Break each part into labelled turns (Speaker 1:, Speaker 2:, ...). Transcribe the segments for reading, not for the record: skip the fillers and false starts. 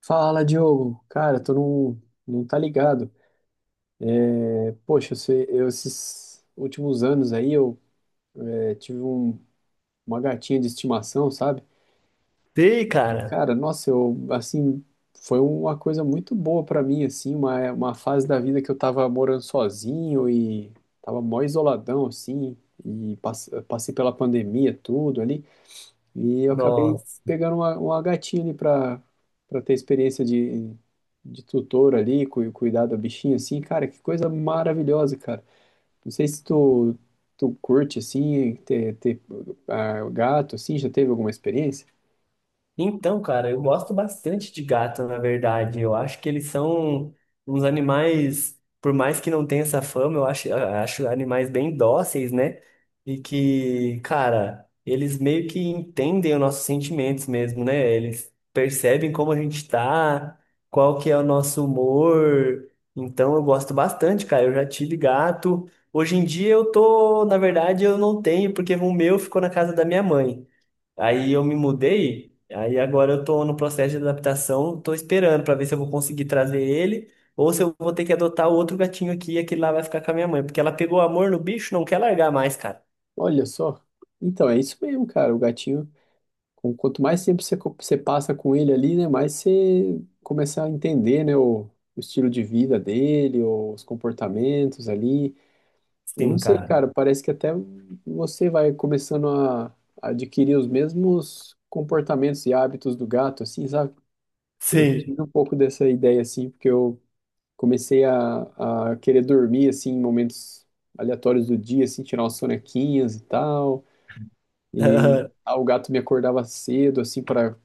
Speaker 1: Fala, Diogo. Cara, tu não tá ligado. Poxa, esses últimos anos aí eu é, tive um- uma gatinha de estimação, sabe?
Speaker 2: Sei, cara.
Speaker 1: Cara, nossa, eu, assim, foi uma coisa muito boa pra mim, assim, uma fase da vida que eu tava morando sozinho e tava mó isoladão, assim, e passei pela pandemia, tudo ali. E eu acabei
Speaker 2: Nossa.
Speaker 1: pegando uma gatinha ali para ter experiência de tutor ali, cuidar da bichinha assim, cara, que coisa maravilhosa, cara. Não sei se tu, Tu curte assim, ter gato assim, já teve alguma experiência?
Speaker 2: Então, cara, eu gosto bastante de gato, na verdade. Eu acho que eles são uns animais, por mais que não tenha essa fama, eu acho animais bem dóceis, né? E que, cara, eles meio que entendem os nossos sentimentos mesmo, né? Eles percebem como a gente tá, qual que é o nosso humor. Então, eu gosto bastante, cara. Eu já tive gato. Hoje em dia eu tô, na verdade, eu não tenho, porque o meu ficou na casa da minha mãe. Aí eu me mudei, aí agora eu tô no processo de adaptação, tô esperando pra ver se eu vou conseguir trazer ele ou se eu vou ter que adotar outro gatinho aqui e aquele lá vai ficar com a minha mãe, porque ela pegou amor no bicho, não quer largar mais, cara.
Speaker 1: Olha só. Então, é isso mesmo, cara, o gatinho, quanto mais tempo você passa com ele ali, né, mais você começa a entender, né, o estilo de vida dele, os comportamentos ali. Eu não
Speaker 2: Sim,
Speaker 1: sei,
Speaker 2: cara.
Speaker 1: cara, parece que até você vai começando a adquirir os mesmos comportamentos e hábitos do gato, assim, sabe? Eu
Speaker 2: Sim.
Speaker 1: tive um pouco dessa ideia, assim, porque eu comecei a querer dormir, assim, em momentos aleatórios do dia, assim, tirar umas sonequinhas e tal, e o gato me acordava cedo, assim, para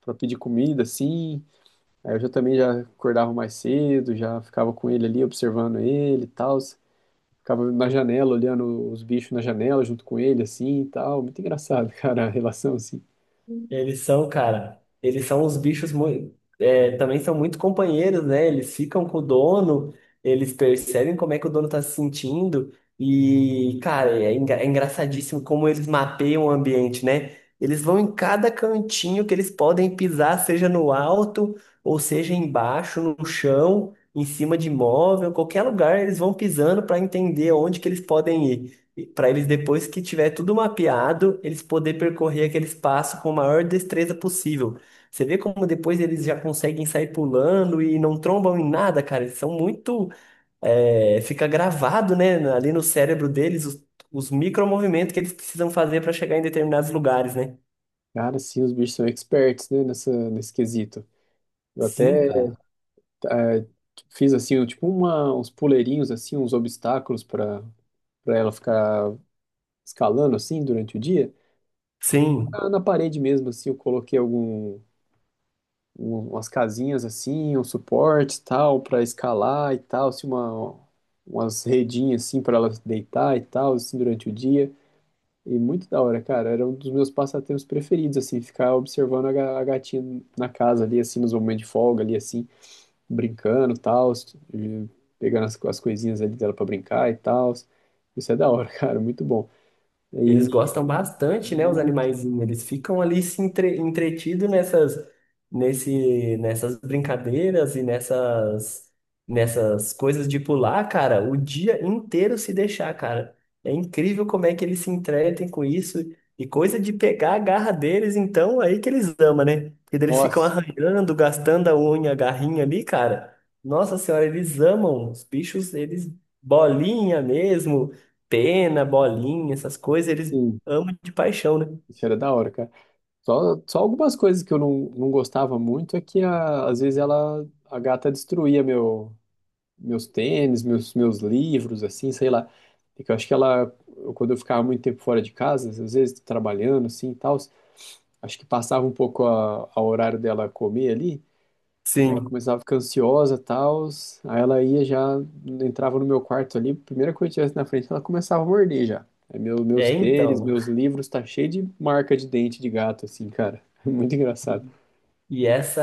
Speaker 1: para pedir comida, assim, aí eu já também já acordava mais cedo, já ficava com ele ali, observando ele e tal. Ficava na janela, olhando os bichos na janela junto com ele, assim e tal. Muito engraçado, cara, a relação, assim.
Speaker 2: Eles são, cara, eles são uns bichos muito, também são muito companheiros, né? Eles ficam com o dono, eles percebem como é que o dono tá se sentindo e, cara, é, engraçadíssimo como eles mapeiam o ambiente, né? Eles vão em cada cantinho que eles podem pisar, seja no alto ou seja embaixo, no chão, em cima de móvel, qualquer lugar eles vão pisando para entender onde que eles podem ir para eles, depois que tiver tudo mapeado, eles poder percorrer aquele espaço com a maior destreza possível. Você vê como depois eles já conseguem sair pulando e não trombam em nada, cara. Eles são muito. É, fica gravado, né, ali no cérebro deles os micromovimentos que eles precisam fazer para chegar em determinados lugares, né?
Speaker 1: Cara, sim, os bichos são experts, né, nesse quesito. Eu
Speaker 2: Sim,
Speaker 1: até
Speaker 2: cara.
Speaker 1: eh, fiz, assim, um, tipo uma, uns puleirinhos, assim, uns obstáculos para ela ficar escalando, assim, durante o dia.
Speaker 2: Sim.
Speaker 1: Na parede mesmo, assim, eu coloquei algum, umas casinhas, assim, um suporte, tal, para escalar e tal, assim, uma, umas redinhas, assim, para ela deitar e tal, assim, durante o dia. E muito da hora, cara. Era um dos meus passatempos preferidos, assim, ficar observando a gatinha na casa ali, assim, nos momentos de folga ali, assim, brincando e tal, e pegando as coisinhas ali dela pra brincar e tal. Isso é da hora, cara, muito bom.
Speaker 2: Eles
Speaker 1: E
Speaker 2: gostam bastante, né, os
Speaker 1: muito,
Speaker 2: animaizinhos. Eles ficam ali se entre, entretidos nessas, nessas brincadeiras e nessas, nessas coisas de pular, cara, o dia inteiro se deixar, cara. É incrível como é que eles se entretem com isso. E coisa de pegar a garra deles, então, aí que eles amam, né? Porque daí eles ficam
Speaker 1: nossa,
Speaker 2: arranhando, gastando a unha, a garrinha ali, cara. Nossa senhora, eles amam. Os bichos, eles bolinha mesmo pena, bolinha, essas coisas, eles
Speaker 1: sim,
Speaker 2: amam de paixão, né?
Speaker 1: isso era da hora, cara. Só algumas coisas que eu não, não gostava muito é que às vezes ela, a gata destruía meu, meus tênis, meus livros, assim, sei lá. Porque eu acho que quando eu ficava muito tempo fora de casa, às vezes trabalhando, assim, e tal, acho que passava um pouco a horário dela comer ali, e ela
Speaker 2: Sim.
Speaker 1: começava a ficar ansiosa, tal, aí ela ia já, entrava no meu quarto ali, primeira coisa que tivesse na frente, ela começava a morder já. Aí meu, meus
Speaker 2: É,
Speaker 1: tênis,
Speaker 2: então.
Speaker 1: meus livros, tá cheio de marca de dente de gato, assim, cara. Muito engraçado.
Speaker 2: E, e essa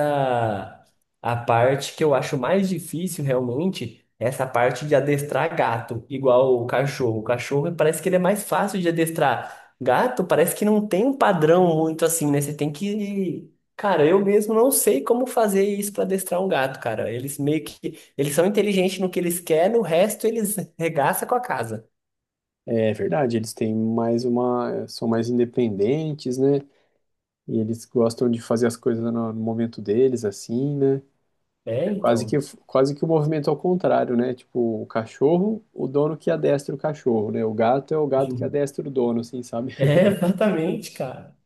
Speaker 2: a parte que eu acho mais difícil realmente, é essa parte de adestrar gato, igual o cachorro. O cachorro parece que ele é mais fácil de adestrar. Gato parece que não tem um padrão muito assim, né? Você tem que... Cara, eu mesmo não sei como fazer isso para adestrar um gato, cara. Eles meio que eles são inteligentes no que eles querem, no resto eles regaçam com a casa.
Speaker 1: É verdade, eles têm mais uma, são mais independentes, né? E eles gostam de fazer as coisas no momento deles, assim, né?
Speaker 2: É,
Speaker 1: É
Speaker 2: então.
Speaker 1: quase que o movimento ao contrário, né? Tipo, o cachorro, o dono que adestra o cachorro, né? O gato é o gato que adestra o dono, assim, sabe?
Speaker 2: É, exatamente, cara.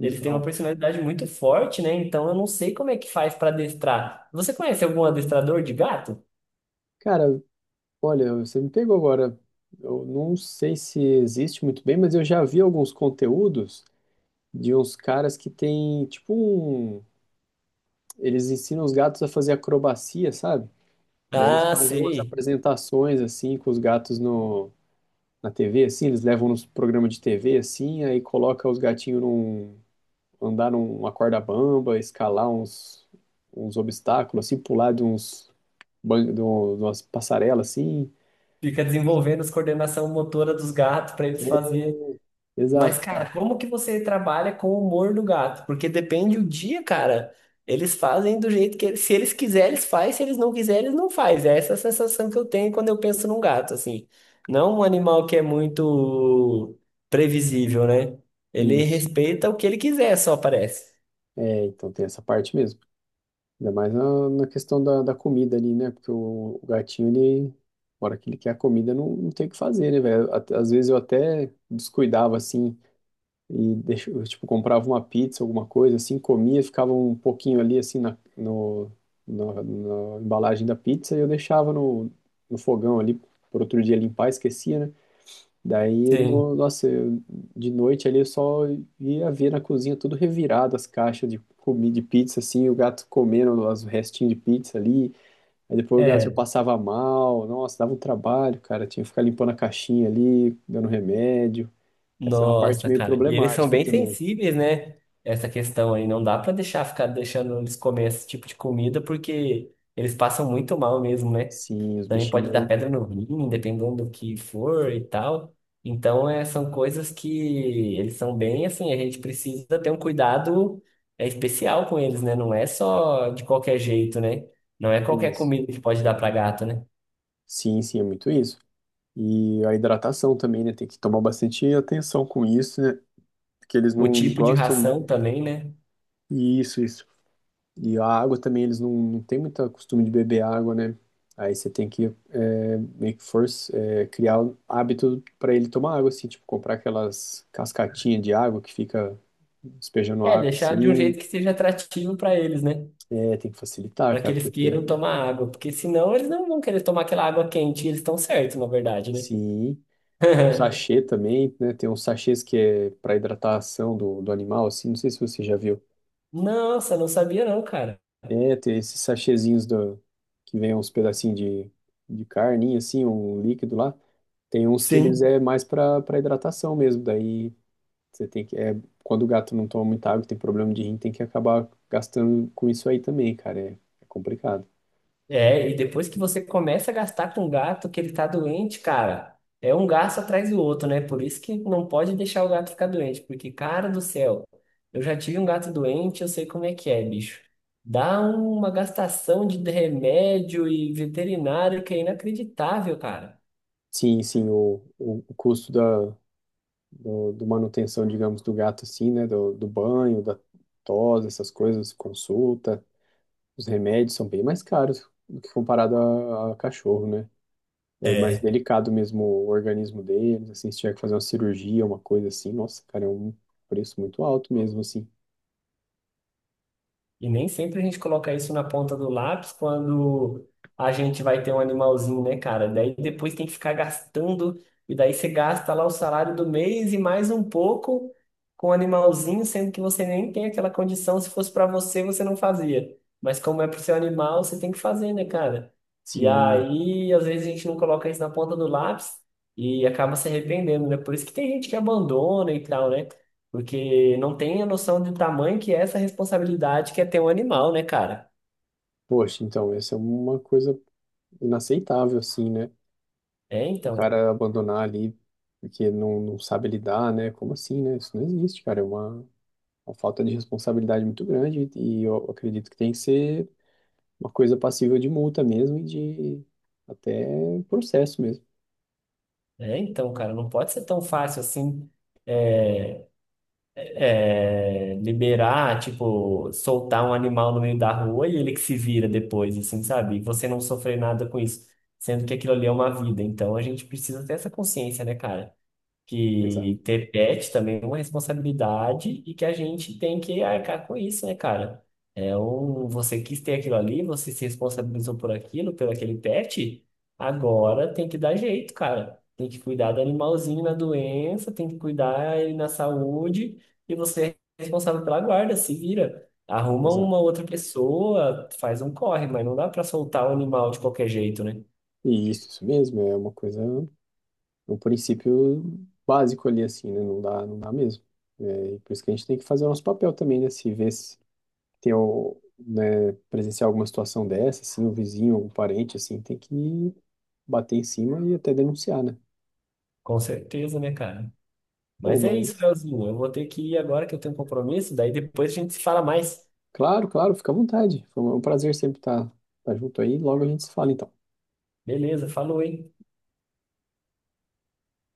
Speaker 2: Ele tem uma personalidade muito forte, né? Então eu não sei como é que faz pra adestrar. Você conhece algum adestrador de gato?
Speaker 1: cara, olha, você me pegou agora. Eu não sei se existe muito bem, mas eu já vi alguns conteúdos de uns caras que tem, tipo, um... Eles ensinam os gatos a fazer acrobacia, sabe? Daí eles
Speaker 2: Ah,
Speaker 1: fazem umas
Speaker 2: sei.
Speaker 1: apresentações, assim, com os gatos no na TV, assim, eles levam nos programas de TV, assim, aí coloca os gatinhos num, andar numa corda bamba, escalar uns, uns obstáculos, assim, pular de uns, de umas passarelas, assim.
Speaker 2: Fica desenvolvendo as coordenação motora dos gatos pra eles
Speaker 1: É,
Speaker 2: fazerem.
Speaker 1: exato,
Speaker 2: Mas,
Speaker 1: cara,
Speaker 2: cara, como que você trabalha com o humor do gato? Porque depende o dia, cara. Eles fazem do jeito que eles, se eles quiserem, eles fazem, se eles não quiserem, eles não fazem. É essa a sensação que eu tenho quando eu penso num gato, assim. Não um animal que é muito previsível, né? Ele
Speaker 1: isso.
Speaker 2: respeita o que ele quiser, só parece.
Speaker 1: É, então tem essa parte mesmo. Ainda mais na, na questão da comida ali, né? Porque o gatinho, ele, na hora que ele quer a comida, não tem o que fazer, né, velho? Às vezes eu até descuidava, assim, e deixa, eu, tipo, comprava uma pizza, alguma coisa, assim, comia, ficava um pouquinho ali, assim, na, no, na, na embalagem da pizza e eu deixava no fogão ali por outro dia limpar, esquecia, né? Daí,
Speaker 2: Sim.
Speaker 1: no, Nossa, de noite ali eu só ia ver na cozinha tudo revirado, as caixas de comida, de pizza, assim, o gato comendo os restinhos de pizza ali, aí depois o gato já
Speaker 2: É.
Speaker 1: passava mal, nossa, dava um trabalho, cara, tinha que ficar limpando a caixinha ali, dando remédio, essa é uma parte
Speaker 2: Nossa,
Speaker 1: meio
Speaker 2: cara. E eles são
Speaker 1: problemática
Speaker 2: bem
Speaker 1: também.
Speaker 2: sensíveis, né? Essa questão aí. Não dá pra deixar ficar deixando eles comer esse tipo de comida, porque eles passam muito mal mesmo, né?
Speaker 1: Sim, os
Speaker 2: Também pode dar
Speaker 1: bichinhos, né?
Speaker 2: pedra no rim, dependendo do que for e tal. Então, é, são coisas que eles são bem assim, a gente precisa ter um cuidado é, especial com eles, né? Não é só de qualquer jeito, né? Não é qualquer
Speaker 1: Isso.
Speaker 2: comida que pode dar para gato, né?
Speaker 1: Sim, sim, é muito isso. E a hidratação também, né? Tem que tomar bastante atenção com isso, né? Porque eles
Speaker 2: O
Speaker 1: não
Speaker 2: tipo de
Speaker 1: gostam.
Speaker 2: ração também, né?
Speaker 1: Isso, isso. E a água também, eles não, não têm muito costume de beber água, né? Aí você tem que meio que force, é, criar um hábito para ele tomar água, assim, tipo, comprar aquelas cascatinhas de água que fica despejando
Speaker 2: É,
Speaker 1: água,
Speaker 2: deixar de um
Speaker 1: assim.
Speaker 2: jeito que seja atrativo para eles, né?
Speaker 1: É, tem que facilitar,
Speaker 2: Para que
Speaker 1: cara,
Speaker 2: eles
Speaker 1: porque
Speaker 2: queiram tomar água, porque senão eles não vão querer tomar aquela água quente, e eles estão certos, na verdade, né?
Speaker 1: sim. Sachê também, né? Tem uns sachês que é para hidratação do animal, assim. Não sei se você já viu.
Speaker 2: Nossa, não sabia não, cara.
Speaker 1: É, tem esses sachêzinhos que vem uns pedacinhos de carninha, assim, um líquido lá. Tem uns que eles
Speaker 2: Sim.
Speaker 1: é mais para hidratação mesmo. Daí você tem que. É, quando o gato não toma muita água, tem problema de rim, tem que acabar gastando com isso aí também, cara. É, é complicado.
Speaker 2: É, e depois que você começa a gastar com o gato que ele tá doente, cara, é um gasto atrás do outro, né? Por isso que não pode deixar o gato ficar doente, porque, cara do céu, eu já tive um gato doente, eu sei como é que é, bicho. Dá uma gastação de remédio e veterinário que é inacreditável, cara.
Speaker 1: Sim, sim, o custo do, do manutenção, digamos, do gato, assim, né? Do banho, da tosa, essas coisas, consulta. Os remédios são bem mais caros do que comparado a cachorro, né? É mais
Speaker 2: É.
Speaker 1: delicado mesmo o organismo deles, assim, se tiver que fazer uma cirurgia, uma coisa assim, nossa, cara, é um preço muito alto mesmo, assim.
Speaker 2: E nem sempre a gente coloca isso na ponta do lápis quando a gente vai ter um animalzinho, né, cara? Daí depois tem que ficar gastando, e daí você gasta lá o salário do mês e mais um pouco com o animalzinho, sendo que você nem tem aquela condição. Se fosse para você, você não fazia. Mas como é pro seu animal, você tem que fazer, né, cara? E
Speaker 1: Sim,
Speaker 2: aí, às vezes a gente não coloca isso na ponta do lápis e acaba se arrependendo, né? Por isso que tem gente que abandona e tal, né? Porque não tem a noção do tamanho que é essa responsabilidade que é ter um animal, né, cara?
Speaker 1: poxa, então, essa é uma coisa inaceitável, assim, né?
Speaker 2: É
Speaker 1: O
Speaker 2: então,
Speaker 1: cara abandonar ali porque não sabe lidar, né? Como assim, né? Isso não existe, cara, é uma falta de responsabilidade muito grande e eu acredito que tem que ser uma coisa passível de multa mesmo e de até processo mesmo.
Speaker 2: é então, cara, não pode ser tão fácil assim é, é, liberar, tipo, soltar um animal no meio da rua e ele que se vira depois, assim, sabe? E você não sofrer nada com isso, sendo que aquilo ali é uma vida. Então a gente precisa ter essa consciência, né, cara?
Speaker 1: Exato,
Speaker 2: Que ter pet também é uma responsabilidade e que a gente tem que arcar com isso, né, cara? É um, você quis ter aquilo ali, você se responsabilizou por aquilo, pelo aquele pet, agora tem que dar jeito, cara. Tem que cuidar do animalzinho na doença, tem que cuidar ele na saúde e você é responsável pela guarda, se vira. Arruma
Speaker 1: exato.
Speaker 2: uma outra pessoa, faz um corre, mas não dá pra soltar o animal de qualquer jeito, né?
Speaker 1: E isso mesmo, é uma coisa, um princípio básico ali assim, né? Não dá mesmo. É, e por isso que a gente tem que fazer o nosso papel também, né? Se ver se tem o, né, presenciar alguma situação dessa, assim, o vizinho, algum parente, assim, tem que bater em cima e até denunciar, né?
Speaker 2: Com certeza, né, cara?
Speaker 1: Pô,
Speaker 2: Mas é isso,
Speaker 1: mas
Speaker 2: Leozinho. Eu vou ter que ir agora que eu tenho um compromisso. Daí depois a gente se fala mais.
Speaker 1: claro, claro, fica à vontade. Foi um prazer sempre estar junto aí. Logo a gente se fala, então.
Speaker 2: Beleza, falou, hein?